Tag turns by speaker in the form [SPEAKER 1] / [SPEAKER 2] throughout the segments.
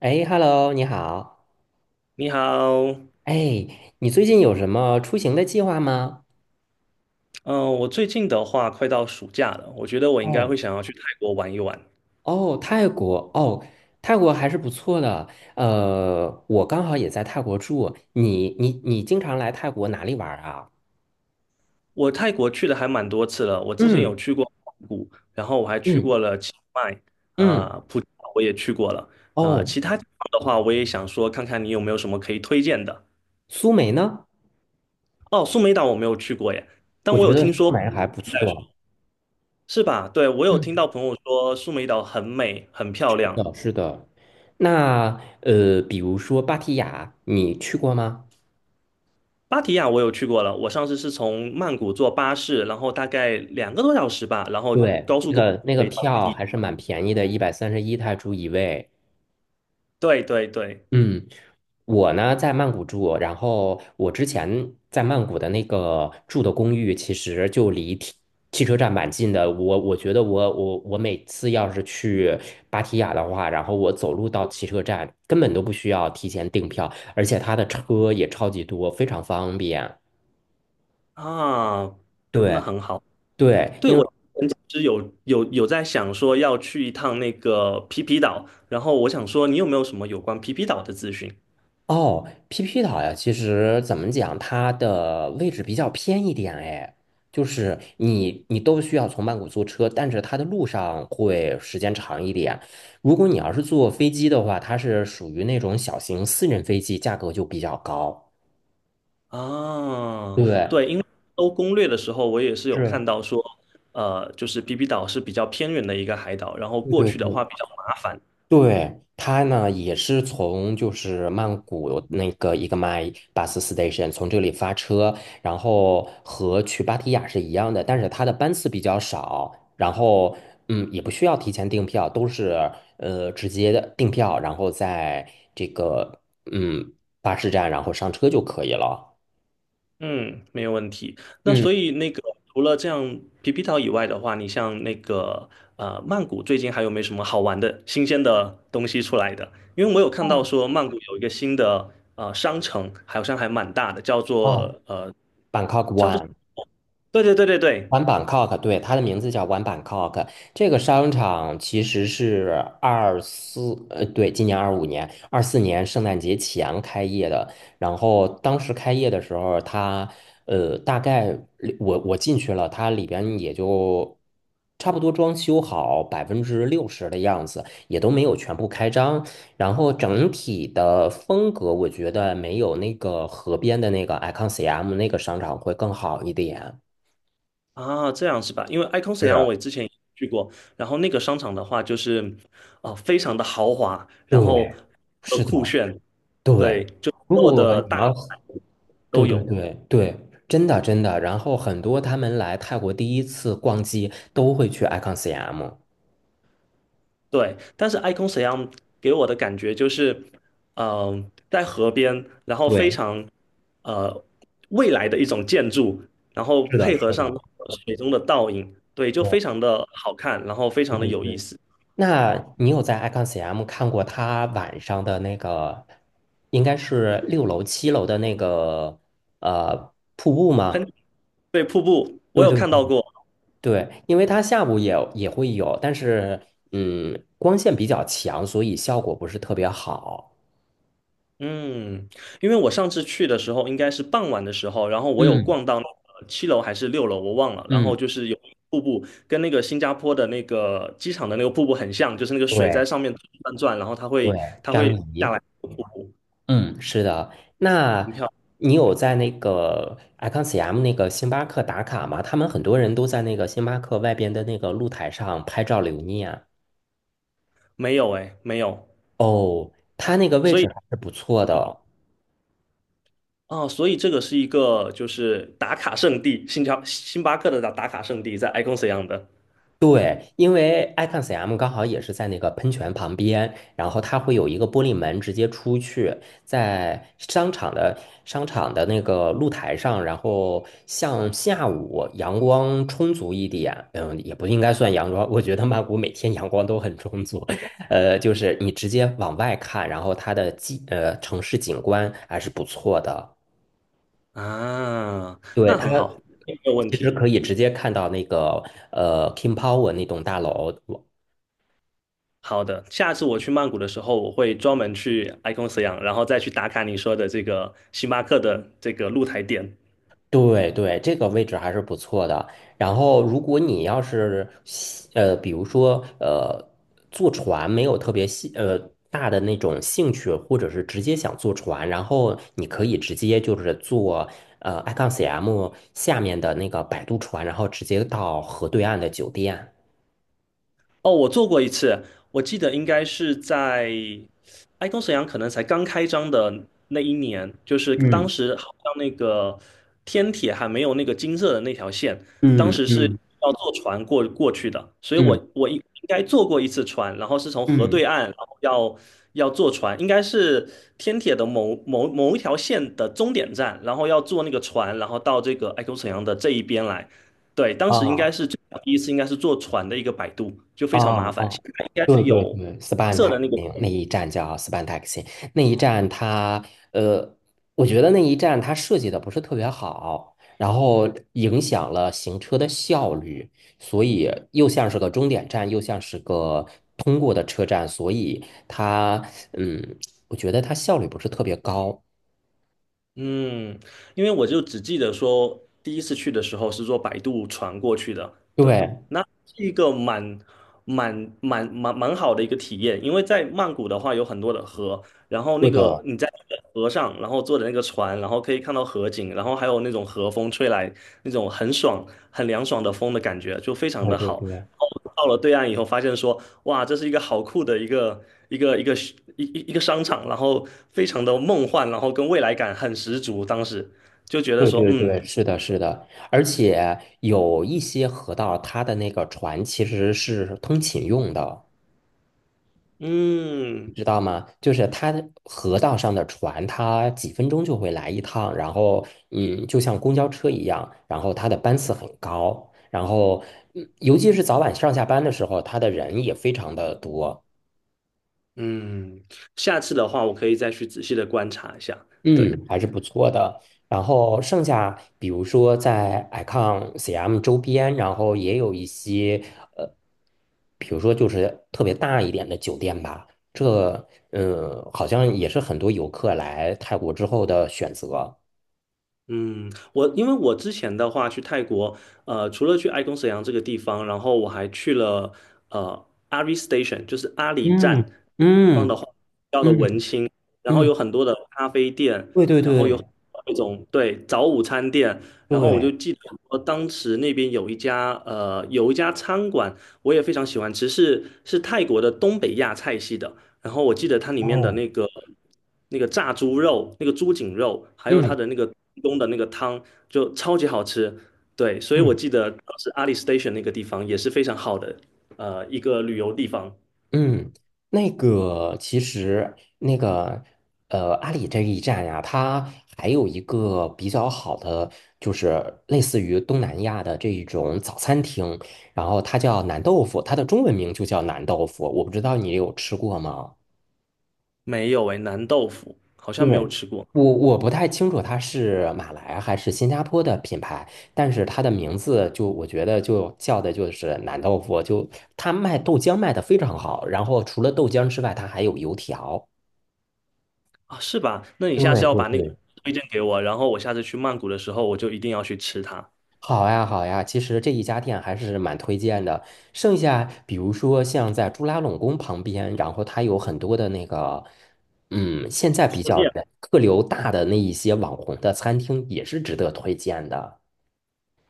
[SPEAKER 1] 哎，Hello，你好。
[SPEAKER 2] 你好。
[SPEAKER 1] 哎，你最近有什么出行的计划吗？
[SPEAKER 2] 嗯，我最近的话快到暑假了，我觉得我应该会
[SPEAKER 1] 哦
[SPEAKER 2] 想要去泰国玩一玩。
[SPEAKER 1] 哦，泰国哦，泰国还是不错的。我刚好也在泰国住。你经常来泰国哪里玩儿啊？
[SPEAKER 2] 我泰国去的还蛮多次了，我之前有
[SPEAKER 1] 嗯
[SPEAKER 2] 去过曼谷，然后我还去
[SPEAKER 1] 嗯
[SPEAKER 2] 过了清迈，啊、
[SPEAKER 1] 嗯，
[SPEAKER 2] 普吉岛我也去过了。啊，
[SPEAKER 1] 哦，
[SPEAKER 2] 其他地方的话，我也想说看看你有没有什么可以推荐的。
[SPEAKER 1] 苏梅呢？
[SPEAKER 2] 哦，苏梅岛我没有去过耶，
[SPEAKER 1] 我
[SPEAKER 2] 但我
[SPEAKER 1] 觉
[SPEAKER 2] 有
[SPEAKER 1] 得
[SPEAKER 2] 听
[SPEAKER 1] 苏
[SPEAKER 2] 说，
[SPEAKER 1] 梅还不错。
[SPEAKER 2] 是吧？对，我有
[SPEAKER 1] 嗯，
[SPEAKER 2] 听到朋友说苏梅岛很美，很漂
[SPEAKER 1] 是
[SPEAKER 2] 亮。
[SPEAKER 1] 的，是的。那比如说芭提雅，你去过吗？
[SPEAKER 2] 芭提雅我有去过了，我上次是从曼谷坐巴士，然后大概两个多小时吧，然后
[SPEAKER 1] 对，
[SPEAKER 2] 高
[SPEAKER 1] 那
[SPEAKER 2] 速公
[SPEAKER 1] 个那
[SPEAKER 2] 路
[SPEAKER 1] 个
[SPEAKER 2] 可以到。
[SPEAKER 1] 票还是蛮便宜的，131泰铢一位。
[SPEAKER 2] 对对对，
[SPEAKER 1] 嗯。我呢在曼谷住，然后我之前在曼谷的那个住的公寓，其实就离汽车站蛮近的。我觉得我每次要是去芭提雅的话，然后我走路到汽车站，根本都不需要提前订票，而且它的车也超级多，非常方便。
[SPEAKER 2] 啊，那
[SPEAKER 1] 对
[SPEAKER 2] 很好。
[SPEAKER 1] 对，
[SPEAKER 2] 对，
[SPEAKER 1] 因
[SPEAKER 2] 我
[SPEAKER 1] 为。
[SPEAKER 2] 之前其实有在想说要去一趟那个皮皮岛，然后我想说你有没有什么有关皮皮岛的资讯
[SPEAKER 1] 哦，PP 岛呀，其实怎么讲，它的位置比较偏一点哎，就是你都需要从曼谷坐车，但是它的路上会时间长一点。如果你要是坐飞机的话，它是属于那种小型私人飞机，价格就比较高。
[SPEAKER 2] 啊？
[SPEAKER 1] 对，
[SPEAKER 2] 搜攻略的时候我也是有看
[SPEAKER 1] 是，
[SPEAKER 2] 到说，就是皮皮岛是比较偏远的一个海岛，然后
[SPEAKER 1] 对
[SPEAKER 2] 过
[SPEAKER 1] 对
[SPEAKER 2] 去的话
[SPEAKER 1] 对。
[SPEAKER 2] 比较麻烦。
[SPEAKER 1] 对，他呢也是从就是曼谷那个一个 my bus station 从这里发车，然后和去芭提雅是一样的，但是它的班次比较少，然后也不需要提前订票，都是直接的订票，然后在这个嗯巴士站然后上车就可以了。
[SPEAKER 2] 嗯，没有问题。那
[SPEAKER 1] 嗯，
[SPEAKER 2] 所以那个除了这样皮皮岛以外的话，你像那个曼谷最近还有没有什么好玩的新鲜的东西出来的？因为我有看到说曼谷有一个新的商城，好像还蛮大的，叫
[SPEAKER 1] 哦
[SPEAKER 2] 做
[SPEAKER 1] ，Bangkok
[SPEAKER 2] 叫做
[SPEAKER 1] One。
[SPEAKER 2] 对对对对对
[SPEAKER 1] One Bangkok,对，它的名字叫 One Bangkok。这个商场其实是二四，对，今年二五年、二四年圣诞节前开业的。然后当时开业的时候，它，大概里我进去了，它里边也就差不多装修好60%的样子，也都没有全部开张。然后整体的风格，我觉得没有那个河边的那个 Icon CM 那个商场会更好一点。
[SPEAKER 2] 啊，这样是吧？因为 Icon 沈阳
[SPEAKER 1] 是。
[SPEAKER 2] 我也之前也去过，然后那个商场的话就是非常的豪华，
[SPEAKER 1] 对，
[SPEAKER 2] 然后
[SPEAKER 1] 是的，
[SPEAKER 2] 酷炫，
[SPEAKER 1] 对。
[SPEAKER 2] 对，就
[SPEAKER 1] 如
[SPEAKER 2] 所有
[SPEAKER 1] 果
[SPEAKER 2] 的
[SPEAKER 1] 你
[SPEAKER 2] 大
[SPEAKER 1] 要，
[SPEAKER 2] 牌都
[SPEAKER 1] 对对
[SPEAKER 2] 有。
[SPEAKER 1] 对对，真的真的。然后很多他们来泰国第一次逛街都会去 Icon CM。
[SPEAKER 2] 对，但是 Icon 沈阳给我的感觉就是，嗯、在河边，然后非
[SPEAKER 1] 对，
[SPEAKER 2] 常呃未来的一种建筑，然后
[SPEAKER 1] 是的，
[SPEAKER 2] 配
[SPEAKER 1] 是
[SPEAKER 2] 合
[SPEAKER 1] 的，
[SPEAKER 2] 上水中的倒影，对，就非
[SPEAKER 1] 对
[SPEAKER 2] 常的好看，然后非
[SPEAKER 1] 对
[SPEAKER 2] 常的
[SPEAKER 1] 对
[SPEAKER 2] 有意
[SPEAKER 1] 对。
[SPEAKER 2] 思。
[SPEAKER 1] 那你有在 Icon CM 看过他晚上的那个，应该是六楼、七楼的那个瀑布吗？
[SPEAKER 2] 喷，对，瀑布我
[SPEAKER 1] 对
[SPEAKER 2] 有
[SPEAKER 1] 对
[SPEAKER 2] 看到
[SPEAKER 1] 对
[SPEAKER 2] 过，
[SPEAKER 1] 对，因为它下午也会有，但是光线比较强，所以效果不是特别好。
[SPEAKER 2] 嗯，因为我上次去的时候应该是傍晚的时候，然后我有
[SPEAKER 1] 嗯
[SPEAKER 2] 逛到那个七楼还是六楼，我忘了。然后
[SPEAKER 1] 嗯，
[SPEAKER 2] 就是有瀑布，跟那个新加坡的那个机场的那个瀑布很像，就是那个水在
[SPEAKER 1] 对
[SPEAKER 2] 上面转转，然后它
[SPEAKER 1] 对，
[SPEAKER 2] 会它
[SPEAKER 1] 张
[SPEAKER 2] 会下
[SPEAKER 1] 仪，
[SPEAKER 2] 来瀑布，
[SPEAKER 1] 嗯，是的。那
[SPEAKER 2] 很漂亮。
[SPEAKER 1] 你有
[SPEAKER 2] 对，
[SPEAKER 1] 在那个 ICONCM 那个星巴克打卡吗？他们很多人都在那个星巴克外边的那个露台上拍照留念。
[SPEAKER 2] 没有哎，没有。
[SPEAKER 1] 哦，它那个位
[SPEAKER 2] 所
[SPEAKER 1] 置
[SPEAKER 2] 以
[SPEAKER 1] 还是不错的哦。
[SPEAKER 2] 啊，所以这个是一个就是打卡圣地，新加星巴克的打卡圣地在 Icon 样的
[SPEAKER 1] 对，因为 i c o n s m 刚好也是在那个喷泉旁边，然后它会有一个玻璃门直接出去，在商场的那个露台上，然后像下午阳光充足一点，也不应该算阳光，我觉得曼谷每天阳光都很充足，就是你直接往外看，然后它的城市景观还是不错的，
[SPEAKER 2] 啊，
[SPEAKER 1] 对，
[SPEAKER 2] 那
[SPEAKER 1] 它
[SPEAKER 2] 很好，没有问
[SPEAKER 1] 其实
[SPEAKER 2] 题。
[SPEAKER 1] 可以直接看到那个King Power 那栋大楼。
[SPEAKER 2] 好的，下次我去曼谷的时候，我会专门去 Icon Siam,然后再去打卡你说的这个星巴克的这个露台店。
[SPEAKER 1] 对对，这个位置还是不错的。然后，如果你要是比如说坐船没有特别大的那种兴趣，或者是直接想坐船，然后你可以直接就是坐i c o n CM 下面的那个摆渡船，然后直接到河对岸的酒店。
[SPEAKER 2] 哦，我坐过一次，我记得应该是在爱工沈阳可能才刚开张的那一年，就是当
[SPEAKER 1] 嗯
[SPEAKER 2] 时好像那个天铁还没有那个金色的那条线，当
[SPEAKER 1] 嗯
[SPEAKER 2] 时是
[SPEAKER 1] 嗯
[SPEAKER 2] 要坐船过去的，所以
[SPEAKER 1] 嗯
[SPEAKER 2] 我应该坐过一次船，然后是从河
[SPEAKER 1] 嗯
[SPEAKER 2] 对岸，然后要坐船，应该是天铁的某一条线的终点站，然后要坐那个船，然后到这个爱工沈阳的这一边来。对，当时应该
[SPEAKER 1] 啊。
[SPEAKER 2] 是最早第一次，应该是坐船的一个摆渡，就非常麻
[SPEAKER 1] 哦
[SPEAKER 2] 烦。现
[SPEAKER 1] 哦，
[SPEAKER 2] 在应该
[SPEAKER 1] 对
[SPEAKER 2] 是
[SPEAKER 1] 对
[SPEAKER 2] 有
[SPEAKER 1] 对
[SPEAKER 2] 灰
[SPEAKER 1] ，Span
[SPEAKER 2] 色的那个，
[SPEAKER 1] Taxi 那一站叫 Span Taxi,那一站它呃，我觉得那一站它设计的不是特别好，然后影响了行车的效率，所以又像是个终点站，又像是个通过的车站，所以它嗯，我觉得它效率不是特别高。
[SPEAKER 2] 嗯，因为我就只记得说第一次去的时候是坐摆渡船过去的，对，
[SPEAKER 1] 对，
[SPEAKER 2] 那是一个蛮好的一个体验，因为在曼谷的话有很多的河，然后那
[SPEAKER 1] 对
[SPEAKER 2] 个
[SPEAKER 1] 的，
[SPEAKER 2] 你在那个河上，然后坐的那个船，然后可以看到河景，然后还有那种河风吹来，那种很爽、很凉爽的风的感觉，就非常
[SPEAKER 1] 对
[SPEAKER 2] 的
[SPEAKER 1] 对
[SPEAKER 2] 好。
[SPEAKER 1] 对。
[SPEAKER 2] 到了对岸以后，发现说，哇，这是一个好酷的一个商场，然后非常的梦幻，然后跟未来感很十足。当时就觉得
[SPEAKER 1] 对
[SPEAKER 2] 说，
[SPEAKER 1] 对对，是的，是的，而且有一些河道，它的那个船其实是通勤用的，你
[SPEAKER 2] 嗯
[SPEAKER 1] 知道吗？就是它的河道上的船，它几分钟就会来一趟，然后就像公交车一样，然后它的班次很高，然后尤其是早晚上下班的时候，它的人也非常的多。
[SPEAKER 2] 嗯，下次的话我可以再去仔细的观察一下。对。
[SPEAKER 1] 嗯，还是不错的。然后剩下，比如说在 Icon CM 周边，然后也有一些呃，比如说就是特别大一点的酒店吧。这好像也是很多游客来泰国之后的选择。
[SPEAKER 2] 嗯，我因为我之前的话去泰国，呃，除了去爱公沈阳这个地方，然后我还去了阿里 Station,就是阿里站
[SPEAKER 1] 嗯
[SPEAKER 2] 地方的
[SPEAKER 1] 嗯
[SPEAKER 2] 话，比较的文
[SPEAKER 1] 嗯
[SPEAKER 2] 青，然后有
[SPEAKER 1] 嗯，
[SPEAKER 2] 很多的咖啡店，
[SPEAKER 1] 对对
[SPEAKER 2] 然后有很
[SPEAKER 1] 对
[SPEAKER 2] 多那种对早午餐店，然后我就
[SPEAKER 1] 对，
[SPEAKER 2] 记得说当时那边有一家呃有一家餐馆，我也非常喜欢吃，是泰国的东北亚菜系的，然后我记得它里面的
[SPEAKER 1] 哦，
[SPEAKER 2] 那个炸猪肉、那个猪颈肉，还有它
[SPEAKER 1] 嗯
[SPEAKER 2] 的那个东冬的那个汤，就超级好吃。对，所以我
[SPEAKER 1] 嗯。
[SPEAKER 2] 记得当时阿里 Station 那个地方也是非常好的，一个旅游地方。
[SPEAKER 1] 嗯，那个其实那个阿里这一站呀，它还有一个比较好的，就是类似于东南亚的这一种早餐厅，然后它叫南豆腐，它的中文名就叫南豆腐，我不知道你有吃过吗？
[SPEAKER 2] 没有诶，南豆腐好像没
[SPEAKER 1] 对，
[SPEAKER 2] 有吃过
[SPEAKER 1] 我不太清楚它是马来还是新加坡的品牌，但是它的名字就我觉得就叫的就是南豆腐，就它卖豆浆卖的非常好，然后除了豆浆之外，它还有油条。
[SPEAKER 2] 啊，是吧？那你下次
[SPEAKER 1] 对
[SPEAKER 2] 要
[SPEAKER 1] 对
[SPEAKER 2] 把那个
[SPEAKER 1] 对，
[SPEAKER 2] 推荐给我，然后我下次去曼谷的时候，我就一定要去吃它。
[SPEAKER 1] 好呀好呀，其实这一家店还是蛮推荐的。剩下比如说像在朱拉隆功旁边，然后它有很多的那个，现在比较人客流大的那一些网红的餐厅也是值得推荐的。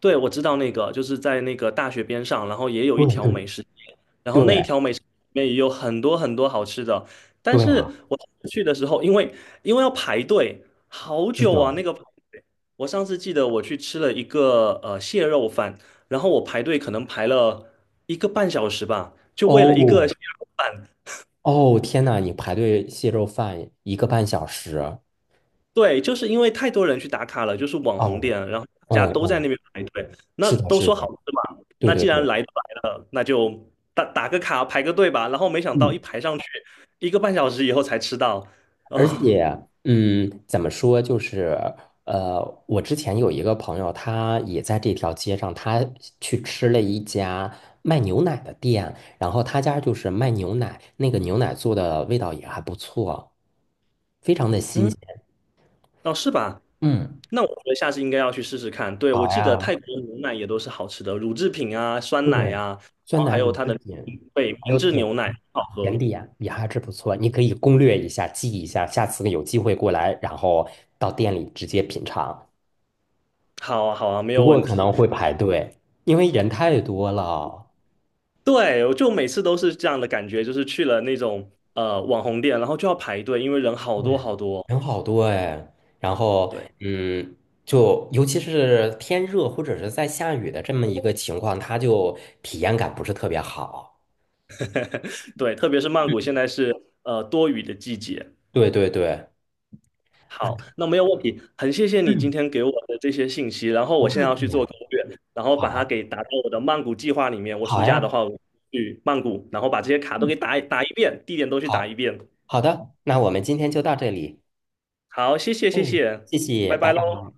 [SPEAKER 2] 对，我知道那个，就是在那个大学边上，然后也有一
[SPEAKER 1] 对
[SPEAKER 2] 条
[SPEAKER 1] 对
[SPEAKER 2] 美食街，然后那一
[SPEAKER 1] 对
[SPEAKER 2] 条美食街里面也有很多很多好吃的。但
[SPEAKER 1] 对
[SPEAKER 2] 是
[SPEAKER 1] 啊，
[SPEAKER 2] 我上次去的时候，因为要排队，好
[SPEAKER 1] 是的，
[SPEAKER 2] 久啊，那个排队。我上次记得我去吃了一个蟹肉饭，然后我排队可能排了一个半小时吧，就为了一个
[SPEAKER 1] 哦
[SPEAKER 2] 蟹肉饭。
[SPEAKER 1] 哦，天呐，你排队蟹肉饭一个半小时。
[SPEAKER 2] 对，就是因为太多人去打卡了，就是网红
[SPEAKER 1] 哦，
[SPEAKER 2] 店，然后大家
[SPEAKER 1] 哦
[SPEAKER 2] 都在
[SPEAKER 1] 哦，
[SPEAKER 2] 那边排队，那
[SPEAKER 1] 是的，
[SPEAKER 2] 都
[SPEAKER 1] 是
[SPEAKER 2] 说好
[SPEAKER 1] 的，
[SPEAKER 2] 吃嘛，
[SPEAKER 1] 对
[SPEAKER 2] 那
[SPEAKER 1] 对
[SPEAKER 2] 既然
[SPEAKER 1] 对，
[SPEAKER 2] 来都来了，那就打个卡排个队吧。然后没想到一
[SPEAKER 1] 嗯，
[SPEAKER 2] 排上去，一个半小时以后才吃到，
[SPEAKER 1] 而
[SPEAKER 2] 啊、
[SPEAKER 1] 且，怎么说，就是，我之前有一个朋友，他也在这条街上，他去吃了一家卖牛奶的店，然后他家就是卖牛奶，那个牛奶做的味道也还不错，非常的新
[SPEAKER 2] 嗯，
[SPEAKER 1] 鲜。
[SPEAKER 2] 哦，是吧？
[SPEAKER 1] 嗯，
[SPEAKER 2] 那我觉得下次应该要去试试看。对，我
[SPEAKER 1] 好
[SPEAKER 2] 记得
[SPEAKER 1] 呀，
[SPEAKER 2] 泰国牛奶也都是好吃的，乳制品啊、酸
[SPEAKER 1] 对，
[SPEAKER 2] 奶呀，然
[SPEAKER 1] 酸
[SPEAKER 2] 后
[SPEAKER 1] 奶
[SPEAKER 2] 还有
[SPEAKER 1] 乳
[SPEAKER 2] 它
[SPEAKER 1] 制
[SPEAKER 2] 的
[SPEAKER 1] 品，
[SPEAKER 2] 对
[SPEAKER 1] 还
[SPEAKER 2] 明
[SPEAKER 1] 有
[SPEAKER 2] 治
[SPEAKER 1] 点
[SPEAKER 2] 牛奶
[SPEAKER 1] 心
[SPEAKER 2] 好
[SPEAKER 1] 甜
[SPEAKER 2] 喝。
[SPEAKER 1] 点也还是不错，你可以攻略一下，记一下，下次有机会过来，然后到店里直接品尝。
[SPEAKER 2] 好啊，好啊，没
[SPEAKER 1] 不
[SPEAKER 2] 有
[SPEAKER 1] 过
[SPEAKER 2] 问
[SPEAKER 1] 可
[SPEAKER 2] 题。
[SPEAKER 1] 能会排队，因为人太多了。
[SPEAKER 2] 对，我就每次都是这样的感觉，就是去了那种网红店，然后就要排队，因为人好多
[SPEAKER 1] 对，
[SPEAKER 2] 好多。
[SPEAKER 1] 人好多哎。然后，
[SPEAKER 2] 对
[SPEAKER 1] 嗯，就尤其是天热或者是在下雨的这么一个情况，它就体验感不是特别好。
[SPEAKER 2] 对，特别是曼谷
[SPEAKER 1] 嗯
[SPEAKER 2] 现在是多雨的季节。
[SPEAKER 1] 对对对，啊，
[SPEAKER 2] 好，那没有问题，很谢谢你今
[SPEAKER 1] 嗯，
[SPEAKER 2] 天给我的这些信息，然后
[SPEAKER 1] 不
[SPEAKER 2] 我现
[SPEAKER 1] 客
[SPEAKER 2] 在要
[SPEAKER 1] 气
[SPEAKER 2] 去做
[SPEAKER 1] 呀。
[SPEAKER 2] 攻略，然后把它
[SPEAKER 1] 好，
[SPEAKER 2] 给打到我的曼谷计划里面。我暑
[SPEAKER 1] 好
[SPEAKER 2] 假的
[SPEAKER 1] 呀，
[SPEAKER 2] 话，我去曼谷，然后把这些卡都
[SPEAKER 1] 嗯，
[SPEAKER 2] 给打一遍，地点都去打一
[SPEAKER 1] 好，
[SPEAKER 2] 遍。
[SPEAKER 1] 好的，那我们今天就到这里。
[SPEAKER 2] 好，谢谢谢
[SPEAKER 1] 哎，
[SPEAKER 2] 谢，
[SPEAKER 1] 谢谢，
[SPEAKER 2] 拜
[SPEAKER 1] 拜
[SPEAKER 2] 拜
[SPEAKER 1] 拜。
[SPEAKER 2] 喽。